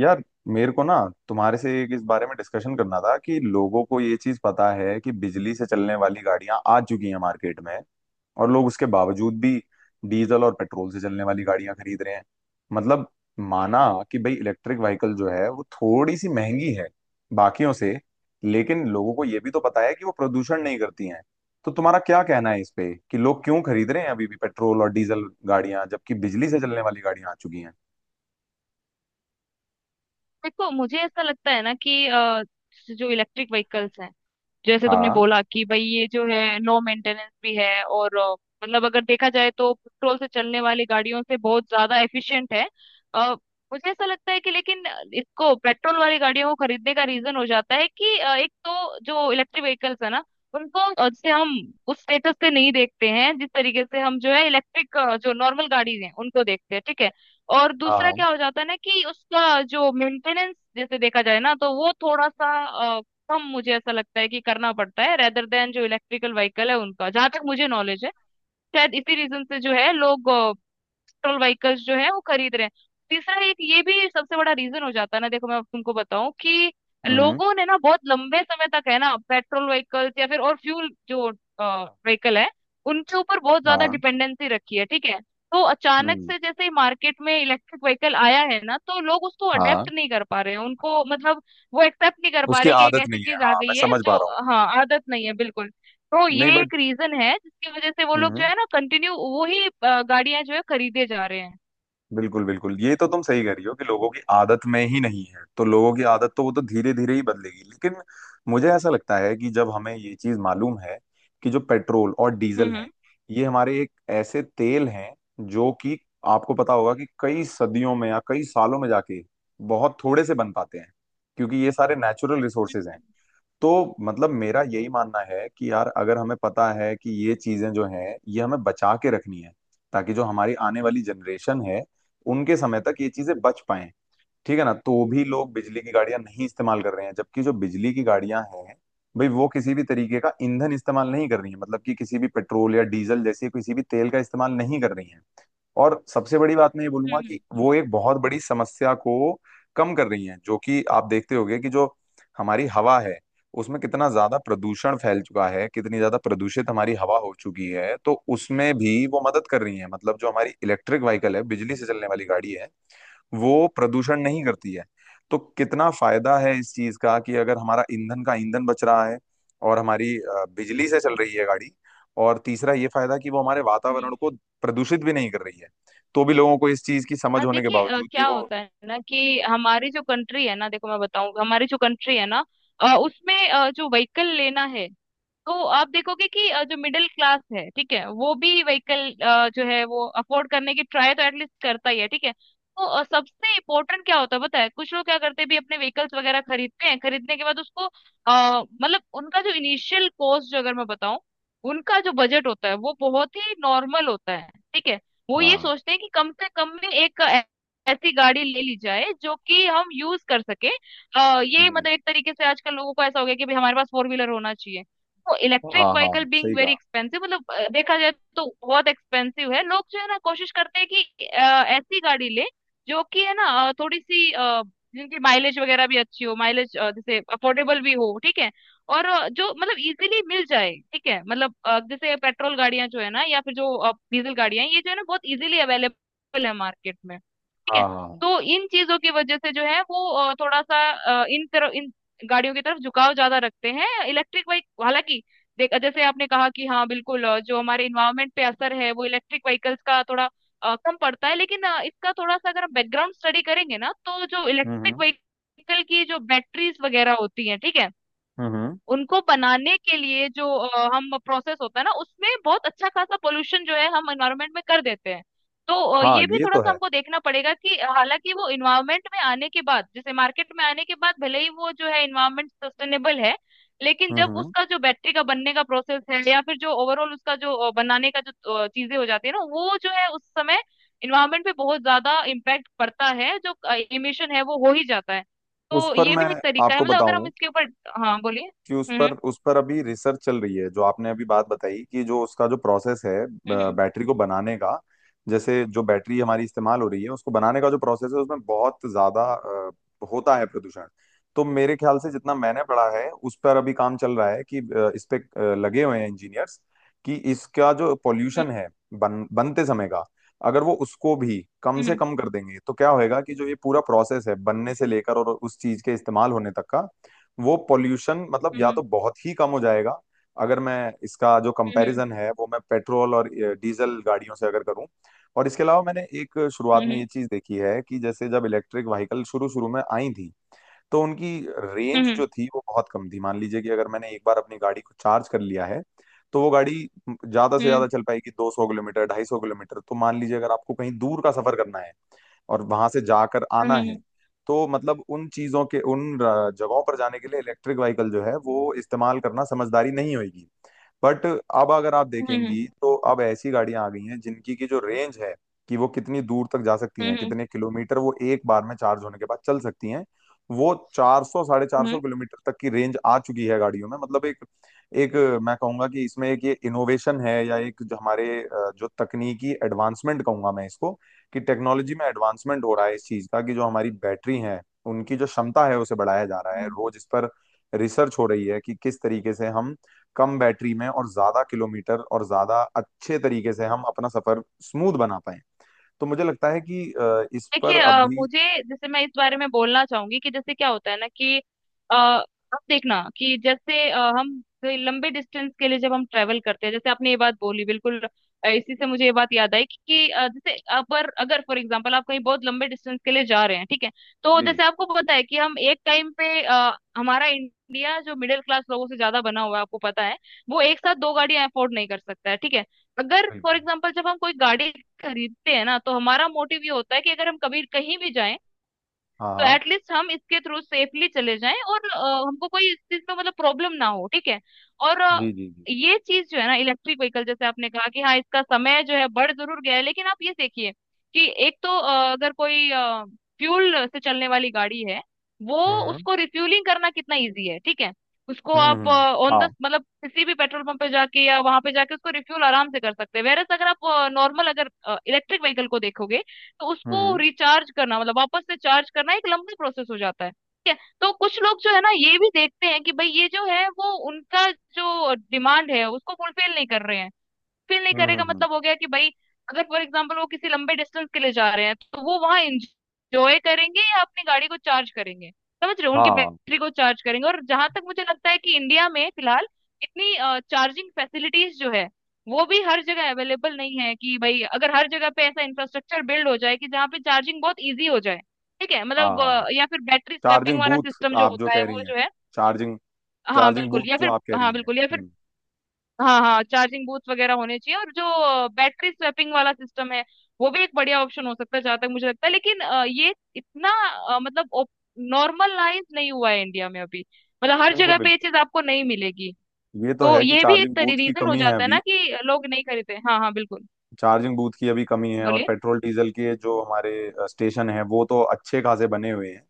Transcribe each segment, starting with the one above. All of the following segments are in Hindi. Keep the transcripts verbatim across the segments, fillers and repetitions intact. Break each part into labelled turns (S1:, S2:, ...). S1: यार, मेरे को ना तुम्हारे से एक इस बारे में डिस्कशन करना था कि लोगों को ये चीज पता है कि बिजली से चलने वाली गाड़ियां आ चुकी हैं मार्केट में। और लोग उसके बावजूद भी डीजल और पेट्रोल से चलने वाली गाड़ियां खरीद रहे हैं। मतलब माना कि भाई इलेक्ट्रिक व्हीकल जो है वो थोड़ी सी महंगी है बाकियों से, लेकिन लोगों को ये भी तो पता है कि वो प्रदूषण नहीं करती हैं। तो तुम्हारा क्या कहना है इस पे कि लोग क्यों खरीद रहे हैं अभी भी पेट्रोल और डीजल गाड़ियां जबकि बिजली से चलने वाली गाड़ियां आ चुकी हैं?
S2: देखो मुझे ऐसा लगता है ना कि अ, जो इलेक्ट्रिक व्हीकल्स हैं जैसे तुमने
S1: हाँ
S2: बोला कि भाई ये जो है लो मेंटेनेंस भी है और अ, मतलब अगर देखा जाए तो पेट्रोल से चलने वाली गाड़ियों से बहुत ज्यादा एफिशिएंट है। अ, मुझे ऐसा लगता है कि लेकिन इसको पेट्रोल वाली गाड़ियों को खरीदने का रीजन हो जाता है कि अ, एक तो जो इलेक्ट्रिक व्हीकल्स है ना उनको, अ, जैसे हम उस स्टेटस से नहीं देखते हैं जिस तरीके से हम जो है इलेक्ट्रिक जो नॉर्मल गाड़ी हैं उनको देखते हैं, ठीक है। और
S1: हाँ
S2: दूसरा
S1: हाँ।
S2: क्या हो जाता है ना कि उसका जो मेंटेनेंस जैसे देखा जाए ना तो वो थोड़ा सा हम, मुझे ऐसा लगता है कि करना पड़ता है रेदर देन जो इलेक्ट्रिकल व्हीकल है उनका, जहां तक मुझे नॉलेज है। शायद इसी रीजन से जो है लोग पेट्रोल व्हीकल्स जो है वो खरीद रहे हैं। तीसरा एक ये भी सबसे बड़ा रीजन हो जाता है ना, देखो मैं अब तुमको बताऊं कि
S1: हम्म।
S2: लोगों ने ना बहुत लंबे समय तक है ना पेट्रोल व्हीकल्स या फिर और फ्यूल जो व्हीकल है उनके ऊपर बहुत ज्यादा
S1: हाँ।
S2: डिपेंडेंसी रखी है, ठीक है। तो अचानक
S1: हम्म।
S2: से जैसे ही मार्केट में इलेक्ट्रिक व्हीकल आया है ना तो लोग उसको अडेप्ट
S1: हाँ।
S2: नहीं कर पा रहे हैं, उनको मतलब वो एक्सेप्ट नहीं कर पा
S1: उसकी
S2: रहे कि एक
S1: आदत
S2: ऐसी
S1: नहीं है।
S2: चीज आ
S1: हाँ, मैं
S2: गई है
S1: समझ पा रहा
S2: जो, हाँ आदत नहीं है बिल्कुल। तो
S1: हूँ। नहीं,
S2: ये
S1: बट
S2: एक रीजन है जिसकी वजह से वो
S1: हम्म
S2: लोग जो
S1: हम्म।
S2: है ना कंटिन्यू वही अ, गाड़ियां जो है खरीदे जा रहे हैं।
S1: बिल्कुल बिल्कुल, ये तो तुम सही कह रही हो कि लोगों की आदत में ही नहीं है, तो लोगों की आदत तो वो तो धीरे धीरे ही बदलेगी। लेकिन मुझे ऐसा लगता है कि जब हमें ये चीज मालूम है कि जो पेट्रोल और डीजल
S2: हम्म।
S1: है, ये हमारे एक ऐसे तेल हैं जो कि आपको पता होगा कि कई सदियों में या कई सालों में जाके बहुत थोड़े से बन पाते हैं, क्योंकि ये सारे नेचुरल रिसोर्सेज हैं।
S2: हम्म।
S1: तो मतलब मेरा यही मानना है कि यार, अगर हमें पता है कि ये चीजें जो हैं ये हमें बचा के रखनी है, ताकि जो हमारी आने वाली जनरेशन है उनके समय तक ये चीजें बच पाएं। ठीक है ना, तो भी लोग बिजली की गाड़ियां नहीं इस्तेमाल कर रहे हैं, जबकि जो बिजली की गाड़ियां हैं, भाई वो किसी भी तरीके का ईंधन इस्तेमाल नहीं कर रही है, मतलब कि किसी भी पेट्रोल या डीजल जैसे किसी भी तेल का इस्तेमाल नहीं कर रही है। और सबसे बड़ी बात मैं ये बोलूंगा
S2: हम्म।
S1: कि वो एक बहुत बड़ी समस्या को कम कर रही हैं, जो कि आप देखते होंगे कि जो हमारी हवा है उसमें कितना ज्यादा प्रदूषण फैल चुका है, कितनी ज्यादा प्रदूषित हमारी हवा हो चुकी है, तो उसमें भी वो मदद कर रही है। मतलब जो हमारी इलेक्ट्रिक व्हीकल है, बिजली से चलने वाली गाड़ी है, वो प्रदूषण नहीं करती है। तो कितना फायदा है इस चीज का कि अगर हमारा ईंधन का ईंधन बच रहा है, और हमारी अ, बिजली से चल रही है गाड़ी, और तीसरा ये फायदा कि वो हमारे
S2: हम्म।
S1: वातावरण को प्रदूषित भी नहीं कर रही है। तो भी लोगों को इस चीज की समझ
S2: अब
S1: होने के
S2: देखिए, अ,
S1: बावजूद भी
S2: क्या
S1: वो
S2: होता है ना कि हमारी जो कंट्री है ना, देखो मैं बताऊं हमारी जो कंट्री है ना, अ, उसमें अ, जो व्हीकल लेना है तो आप देखोगे कि अ, जो मिडिल क्लास है, ठीक है, वो भी व्हीकल जो है वो अफोर्ड करने की ट्राई तो एटलीस्ट करता ही है, ठीक है। तो अ, सबसे इम्पोर्टेंट क्या होता है पता है, कुछ लोग क्या करते हैं भी अपने व्हीकल्स वगैरह खरीदते हैं, खरीदने के बाद उसको, अ, मतलब उनका जो इनिशियल कॉस्ट जो अगर मैं बताऊं, उनका जो बजट होता है वो बहुत ही नॉर्मल होता है, ठीक है। वो ये
S1: हाँ
S2: सोचते हैं कि कम से कम में एक ऐ- ऐसी गाड़ी ले ली जाए जो कि हम यूज कर सके। अ, ये
S1: जी।
S2: मतलब एक तरीके से आजकल लोगों को ऐसा हो गया कि भाई हमारे पास फोर व्हीलर होना चाहिए। तो
S1: हाँ
S2: इलेक्ट्रिक
S1: हाँ हाँ,
S2: व्हीकल बीइंग
S1: सही
S2: वेरी
S1: कहा।
S2: एक्सपेंसिव, मतलब अ, देखा जाए तो बहुत एक्सपेंसिव है, लोग जो है ना कोशिश करते हैं कि अ, ऐसी गाड़ी ले जो कि है ना, अ, थोड़ी सी अ, जिनकी माइलेज वगैरह भी अच्छी हो, माइलेज अ, जैसे अफोर्डेबल भी हो, ठीक है। और अ, जो मतलब इजीली मिल जाए, ठीक है, मतलब अ, जैसे पेट्रोल गाड़ियां जो है ना या फिर जो अ, डीजल गाड़ियां ये जो है ना बहुत इजीली अवेलेबल है मार्केट में, ठीक है।
S1: हाँ हाँ हाँ।
S2: तो इन चीजों की वजह से जो है वो अ, थोड़ा सा अ, इन तरह इन गाड़ियों की तरफ झुकाव ज्यादा रखते हैं। इलेक्ट्रिक बाइक हालांकि, देख जैसे आपने कहा कि हाँ बिल्कुल, अ, जो हमारे इन्वायरमेंट पे असर है वो इलेक्ट्रिक व्हीकल्स का थोड़ा अ, कम पड़ता है, लेकिन अ, इसका थोड़ा सा अगर हम बैकग्राउंड स्टडी करेंगे ना तो जो इलेक्ट्रिक
S1: हम्म।
S2: व्हीकल की जो बैटरीज वगैरह होती हैं, ठीक है,
S1: हम्म हम्म।
S2: उनको बनाने के लिए जो अ, हम प्रोसेस होता है ना उसमें बहुत अच्छा खासा पोल्यूशन जो है हम एनवायरमेंट में कर देते हैं। तो अ,
S1: हाँ,
S2: ये भी
S1: ये
S2: थोड़ा
S1: तो
S2: सा
S1: है।
S2: हमको देखना पड़ेगा कि हालांकि वो एनवायरमेंट में आने के बाद, जैसे मार्केट में आने के बाद भले ही वो जो है एनवायरमेंट सस्टेनेबल है, लेकिन
S1: हम्म
S2: जब
S1: हम्म।
S2: उसका जो बैटरी का बनने का प्रोसेस है या फिर जो ओवरऑल उसका जो अ, बनाने का जो अ, चीजें हो जाती है ना वो जो है उस समय इन्वायरमेंट पे बहुत ज्यादा इम्पैक्ट पड़ता है, जो इमिशन है वो हो ही जाता है।
S1: उस
S2: तो
S1: पर
S2: ये
S1: मैं
S2: भी एक तरीका है,
S1: आपको
S2: मतलब अगर हम
S1: बताऊं
S2: इसके ऊपर, हाँ बोलिए।
S1: कि उस
S2: हम्म।
S1: पर उस पर अभी रिसर्च चल रही है, जो आपने अभी बात बताई कि जो उसका जो प्रोसेस है, ब-
S2: हम्म।
S1: बैटरी को बनाने का, जैसे जो बैटरी हमारी इस्तेमाल हो रही है उसको बनाने का जो प्रोसेस है उसमें बहुत ज्यादा अ, होता है प्रदूषण। तो मेरे ख्याल से जितना मैंने पढ़ा है, उस पर अभी काम चल रहा है कि अ, इस पे अ, लगे हुए हैं इंजीनियर्स, कि इसका जो
S2: हम्म।
S1: पॉल्यूशन है बन, बनते समय का, अगर वो उसको भी कम से
S2: हम्म।
S1: कम कर देंगे तो क्या होएगा कि जो ये पूरा प्रोसेस है बनने से लेकर और उस चीज के इस्तेमाल होने तक का, वो पॉल्यूशन मतलब या
S2: हम्म।
S1: तो बहुत ही कम हो जाएगा, अगर मैं इसका जो
S2: हम्म।
S1: कंपैरिजन है वो मैं पेट्रोल और अ, डीजल गाड़ियों से अगर करूं। और इसके अलावा मैंने एक शुरुआत में
S2: हम्म।
S1: ये चीज देखी है कि जैसे जब इलेक्ट्रिक व्हीकल शुरू शुरू में आई थी, तो उनकी
S2: हम्म।
S1: रेंज
S2: हम्म।
S1: जो थी वो बहुत कम थी। मान लीजिए कि अगर मैंने एक बार अपनी गाड़ी को चार्ज कर लिया है, तो वो गाड़ी ज्यादा से ज्यादा चल पाएगी दो सौ किलोमीटर, दो सौ पचास किलोमीटर। तो मान लीजिए अगर आपको कहीं दूर का सफर करना है और वहां से जाकर
S2: हम्म।
S1: आना है,
S2: हम्म।
S1: तो मतलब उन चीजों के, उन अ, जगहों पर जाने के लिए इलेक्ट्रिक व्हीकल जो है वो इस्तेमाल करना समझदारी नहीं होगी। बट अब अगर आप
S2: हम्म। हम्म।
S1: देखेंगी तो अब ऐसी गाड़ियां आ गई हैं जिनकी की जो रेंज है, कि वो कितनी दूर तक जा सकती हैं,
S2: हम्म।
S1: कितने किलोमीटर वो एक बार में चार्ज होने के बाद चल सकती हैं, वो चार सौ साढ़े चार सौ
S2: हम्म।
S1: किलोमीटर तक की रेंज आ चुकी है गाड़ियों में। मतलब एक एक मैं कहूंगा कि इसमें एक ये इनोवेशन है, या एक जो हमारे अ, जो तकनीकी एडवांसमेंट कहूंगा मैं इसको, कि टेक्नोलॉजी में एडवांसमेंट हो रहा है इस चीज का, कि जो हमारी बैटरी है उनकी जो क्षमता है उसे बढ़ाया जा रहा है।
S2: हम्म।
S1: रोज इस पर रिसर्च हो रही है कि किस तरीके से हम कम बैटरी में और ज्यादा किलोमीटर और ज्यादा अच्छे तरीके से हम अपना सफर स्मूथ बना पाए। तो मुझे लगता है कि अ, इस
S2: देखिए,
S1: पर
S2: अ,
S1: अभी
S2: मुझे, जैसे मैं इस बारे में बोलना चाहूंगी कि जैसे क्या होता है ना कि अ, आप देखना कि जैसे अ, हम कोई लंबे डिस्टेंस के लिए जब हम ट्रेवल करते हैं, जैसे आपने ये बात बोली बिल्कुल। अ, इसी से मुझे ये बात याद आई कि, कि अ, जैसे अगर अगर फॉर एग्जांपल आप कहीं बहुत लंबे डिस्टेंस के लिए जा रहे हैं, ठीक है। तो
S1: जी।
S2: जैसे आपको पता है कि हम एक टाइम पे, अ, हमारा इंडिया जो मिडिल क्लास लोगों से ज्यादा बना हुआ है आपको पता है, वो एक साथ दो गाड़ियां अफोर्ड नहीं कर सकता है, ठीक है। अगर फॉर
S1: बिल्कुल।
S2: एग्जाम्पल जब हम कोई गाड़ी खरीदते हैं ना तो हमारा मोटिव ये होता है कि अगर हम कभी कहीं भी जाएं
S1: हाँ
S2: तो
S1: हाँ।
S2: एटलीस्ट हम इसके थ्रू सेफली चले जाएं और अ, हमको कोई इस चीज में मतलब प्रॉब्लम ना हो, ठीक है। और अ,
S1: जी जी जी।
S2: ये चीज जो है ना इलेक्ट्रिक व्हीकल, जैसे आपने कहा कि हाँ इसका समय जो है बढ़ जरूर गया है, लेकिन आप ये देखिए कि एक तो अ, अगर कोई फ्यूल से चलने वाली गाड़ी है वो,
S1: हम्म
S2: उसको रिफ्यूलिंग करना कितना इजी है, ठीक है। उसको
S1: हम्म
S2: आप
S1: हम्म,
S2: ऑन द,
S1: हाँ।
S2: मतलब किसी भी पेट्रोल पंप पे जाके या वहां पे जाके उसको रिफ्यूल आराम से कर सकते हैं। वेरस अगर आप नॉर्मल, अगर इलेक्ट्रिक व्हीकल को देखोगे तो उसको
S1: हम्म
S2: रिचार्ज करना, मतलब वापस से चार्ज करना एक लंबा प्रोसेस हो जाता है, ठीक है। तो कुछ लोग जो है ना ये भी देखते हैं कि भाई ये जो है वो उनका जो डिमांड है उसको फुलफिल नहीं कर रहे हैं, फील नहीं
S1: हम्म
S2: करेगा,
S1: हम्म,
S2: मतलब हो गया कि भाई अगर फॉर एग्जाम्पल वो किसी लंबे डिस्टेंस के लिए जा रहे हैं तो वो वहां एंजॉय करेंगे या अपनी गाड़ी को चार्ज करेंगे, समझ रहे हो, उनकी
S1: हाँ
S2: बैटरी को चार्ज करेंगे। और जहां तक मुझे लगता है कि इंडिया में फिलहाल इतनी चार्जिंग फैसिलिटीज जो है वो भी हर जगह अवेलेबल नहीं है। कि भाई अगर हर जगह पे ऐसा इंफ्रास्ट्रक्चर बिल्ड हो जाए कि जहाँ पे चार्जिंग बहुत इजी हो जाए, ठीक है, मतलब
S1: हाँ,
S2: अ, या फिर बैटरी स्वैपिंग
S1: चार्जिंग
S2: वाला
S1: बूथ
S2: सिस्टम जो
S1: आप जो
S2: होता है
S1: कह
S2: वो
S1: रही हैं।
S2: जो है,
S1: चार्जिंग,
S2: हाँ
S1: चार्जिंग
S2: बिल्कुल, या
S1: बूथ जो
S2: फिर
S1: आप कह रही
S2: हाँ
S1: हैं।
S2: बिल्कुल, या फिर,
S1: हम्म।
S2: हाँ हाँ, चार्जिंग बूथ वगैरह होने चाहिए। और जो बैटरी स्वैपिंग वाला सिस्टम है वो भी एक बढ़िया ऑप्शन हो सकता है जहां तक मुझे लगता है, लेकिन अ, ये इतना अ, मतलब नॉर्मलाइज नहीं हुआ है इंडिया में अभी, मतलब हर
S1: बिल्कुल
S2: जगह
S1: बिल्कुल,
S2: पे ये चीज आपको नहीं मिलेगी।
S1: ये तो
S2: तो
S1: है कि
S2: ये भी
S1: चार्जिंग
S2: एक
S1: बूथ की
S2: रीजन हो
S1: कमी है
S2: जाता है
S1: अभी।
S2: ना कि लोग नहीं खरीदते। हाँ हाँ बिल्कुल।
S1: चार्जिंग बूथ की अभी कमी है, और
S2: बोलिए।
S1: पेट्रोल डीजल के जो हमारे अ, स्टेशन हैं वो तो अच्छे खासे बने हुए हैं।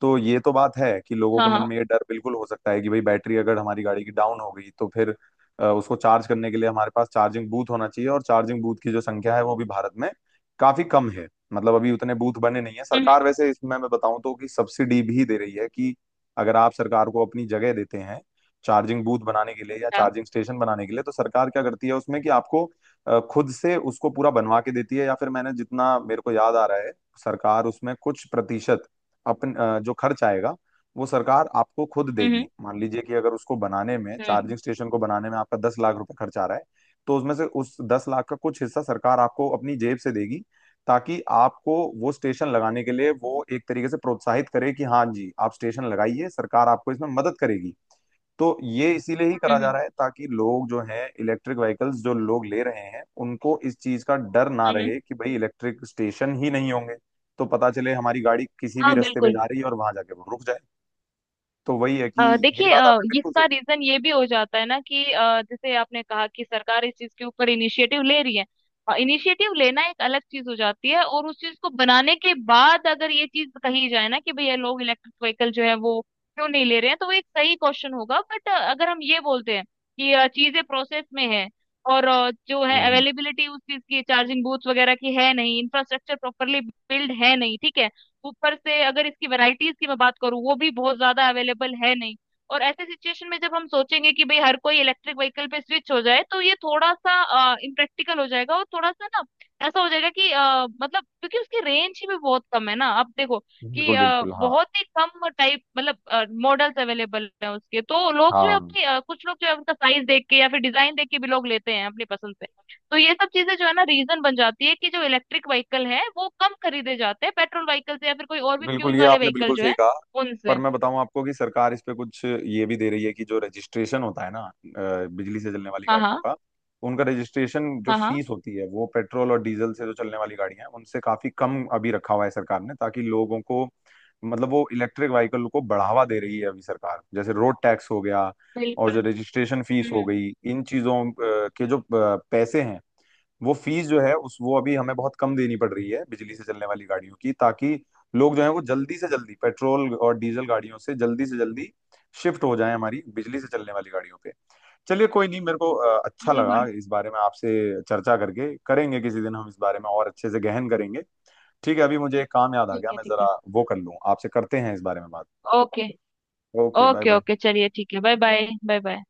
S1: तो ये तो बात है कि लोगों
S2: हाँ
S1: के मन
S2: हाँ।
S1: में ये डर बिल्कुल हो सकता है कि भाई बैटरी अगर हमारी गाड़ी की डाउन हो गई तो फिर अ, उसको चार्ज करने के लिए हमारे पास चार्जिंग बूथ होना चाहिए। और चार्जिंग बूथ की जो संख्या है वो भी भारत में काफी कम है। मतलब अभी उतने बूथ बने नहीं है।
S2: हम्म।
S1: सरकार वैसे इसमें मैं बताऊं तो कि सब्सिडी भी दे रही है कि अगर आप सरकार को अपनी जगह देते हैं चार्जिंग बूथ बनाने के लिए या
S2: हम्म। हाँ।
S1: चार्जिंग स्टेशन बनाने के लिए, तो सरकार क्या करती है उसमें, कि आपको अ, खुद से उसको पूरा बनवा के देती है, या फिर मैंने जितना मेरे को याद आ रहा है, सरकार उसमें कुछ प्रतिशत अपन अ, जो खर्च आएगा वो सरकार आपको खुद
S2: हम्म। हम्म।
S1: देगी। मान लीजिए कि अगर उसको बनाने में,
S2: हम्म।
S1: चार्जिंग स्टेशन को बनाने में आपका दस लाख रुपए खर्च आ रहा है, तो उसमें से उस दस लाख का कुछ हिस्सा सरकार आपको अपनी जेब से देगी, ताकि आपको वो स्टेशन लगाने के लिए वो एक तरीके से प्रोत्साहित करे कि हाँ जी, आप स्टेशन लगाइए, सरकार आपको इसमें मदद करेगी। तो ये इसीलिए ही
S2: हम्म।
S1: करा जा
S2: हम्म।
S1: रहा है ताकि लोग जो हैं, इलेक्ट्रिक व्हीकल्स जो लोग ले रहे हैं, उनको इस चीज का डर ना
S2: हम्म।
S1: रहे कि भाई इलेक्ट्रिक स्टेशन ही नहीं होंगे, तो पता चले हमारी गाड़ी किसी भी
S2: हाँ
S1: रास्ते पे
S2: बिल्कुल।
S1: जा रही है और वहां जाके वो रुक जाए। तो वही है कि
S2: अ,
S1: ये
S2: देखिए,
S1: बात
S2: अ,
S1: आपने बिल्कुल
S2: इसका
S1: सही कही।
S2: रीजन ये भी हो जाता है ना कि अ, जैसे आपने कहा कि सरकार इस चीज के ऊपर इनिशिएटिव ले रही है। इनिशिएटिव लेना एक अलग चीज हो जाती है, और उस चीज को बनाने के बाद अगर ये चीज कही जाए ना कि भैया लोग इलेक्ट्रिक व्हीकल जो है वो क्यों नहीं ले रहे हैं, तो वो एक सही क्वेश्चन होगा। बट अगर हम ये बोलते हैं कि अ, चीजें प्रोसेस में है, और अ, जो है
S1: हम्म,
S2: अवेलेबिलिटी उस चीज की चार्जिंग बूथ वगैरह की है नहीं, इंफ्रास्ट्रक्चर प्रॉपरली बिल्ड है नहीं, ठीक है। ऊपर से अगर इसकी वैरायटीज की मैं बात करूँ वो भी बहुत ज्यादा अवेलेबल है नहीं। और ऐसे सिचुएशन में जब हम सोचेंगे कि भाई हर कोई इलेक्ट्रिक व्हीकल पे स्विच हो जाए तो ये थोड़ा सा इम्प्रैक्टिकल हो जाएगा, और थोड़ा सा ना ऐसा हो जाएगा कि अ, मतलब क्योंकि उसकी रेंज ही भी बहुत कम है ना आप देखो, कि
S1: बिल्कुल
S2: अ,
S1: बिल्कुल। हाँ
S2: बहुत ही कम टाइप, मतलब मॉडल्स अवेलेबल है उसके, तो लोग जो है
S1: हाँ,
S2: अपनी अ, कुछ लोग जो है उनका साइज देख के या फिर डिजाइन देख के भी लोग लेते हैं अपनी पसंद से। तो ये सब चीजें जो है ना रीजन बन जाती है कि जो इलेक्ट्रिक व्हीकल है वो कम खरीदे जाते हैं पेट्रोल व्हीकल से या फिर कोई और भी
S1: बिल्कुल,
S2: फ्यूल
S1: ये
S2: वाले
S1: आपने
S2: व्हीकल
S1: बिल्कुल
S2: जो
S1: सही
S2: है,
S1: कहा। पर
S2: उनसे।
S1: मैं बताऊं आपको कि सरकार इस पे कुछ ये भी दे रही है, कि जो रजिस्ट्रेशन होता है ना अ, बिजली से चलने वाली
S2: हाँ हाँ।
S1: गाड़ियों का, उनका रजिस्ट्रेशन जो
S2: हाँ हाँ
S1: फीस होती है वो पेट्रोल और डीजल से जो चलने वाली गाड़ियां हैं उनसे काफी कम अभी रखा हुआ है सरकार ने, ताकि लोगों को, मतलब वो इलेक्ट्रिक व्हीकल को बढ़ावा दे रही है अभी सरकार। जैसे रोड टैक्स हो गया, और
S2: बिल्कुल।
S1: जो रजिस्ट्रेशन फीस हो
S2: हम्म।
S1: गई, इन चीजों अ, के जो अ, पैसे हैं, वो फीस जो है उस वो अभी हमें बहुत कम देनी पड़ रही है बिजली से चलने वाली गाड़ियों की, ताकि लोग जो है वो जल्दी से जल्दी पेट्रोल और डीजल गाड़ियों से जल्दी से जल्दी शिफ्ट हो जाए हमारी बिजली से चलने वाली गाड़ियों पे। चलिए कोई नहीं, मेरे को अ, अच्छा लगा
S2: बिल्कुल।
S1: इस बारे में आपसे चर्चा करके। करेंगे किसी दिन हम इस बारे में और अच्छे से गहन करेंगे। ठीक है, अभी मुझे एक काम याद आ गया,
S2: ठीक है।
S1: मैं
S2: ठीक है।
S1: जरा वो कर लूँ, आपसे करते हैं इस बारे में बात।
S2: Okay.
S1: Okay, bye
S2: okay
S1: bye.
S2: Okay चलिए ठीक है बाय बाय बाय बाय।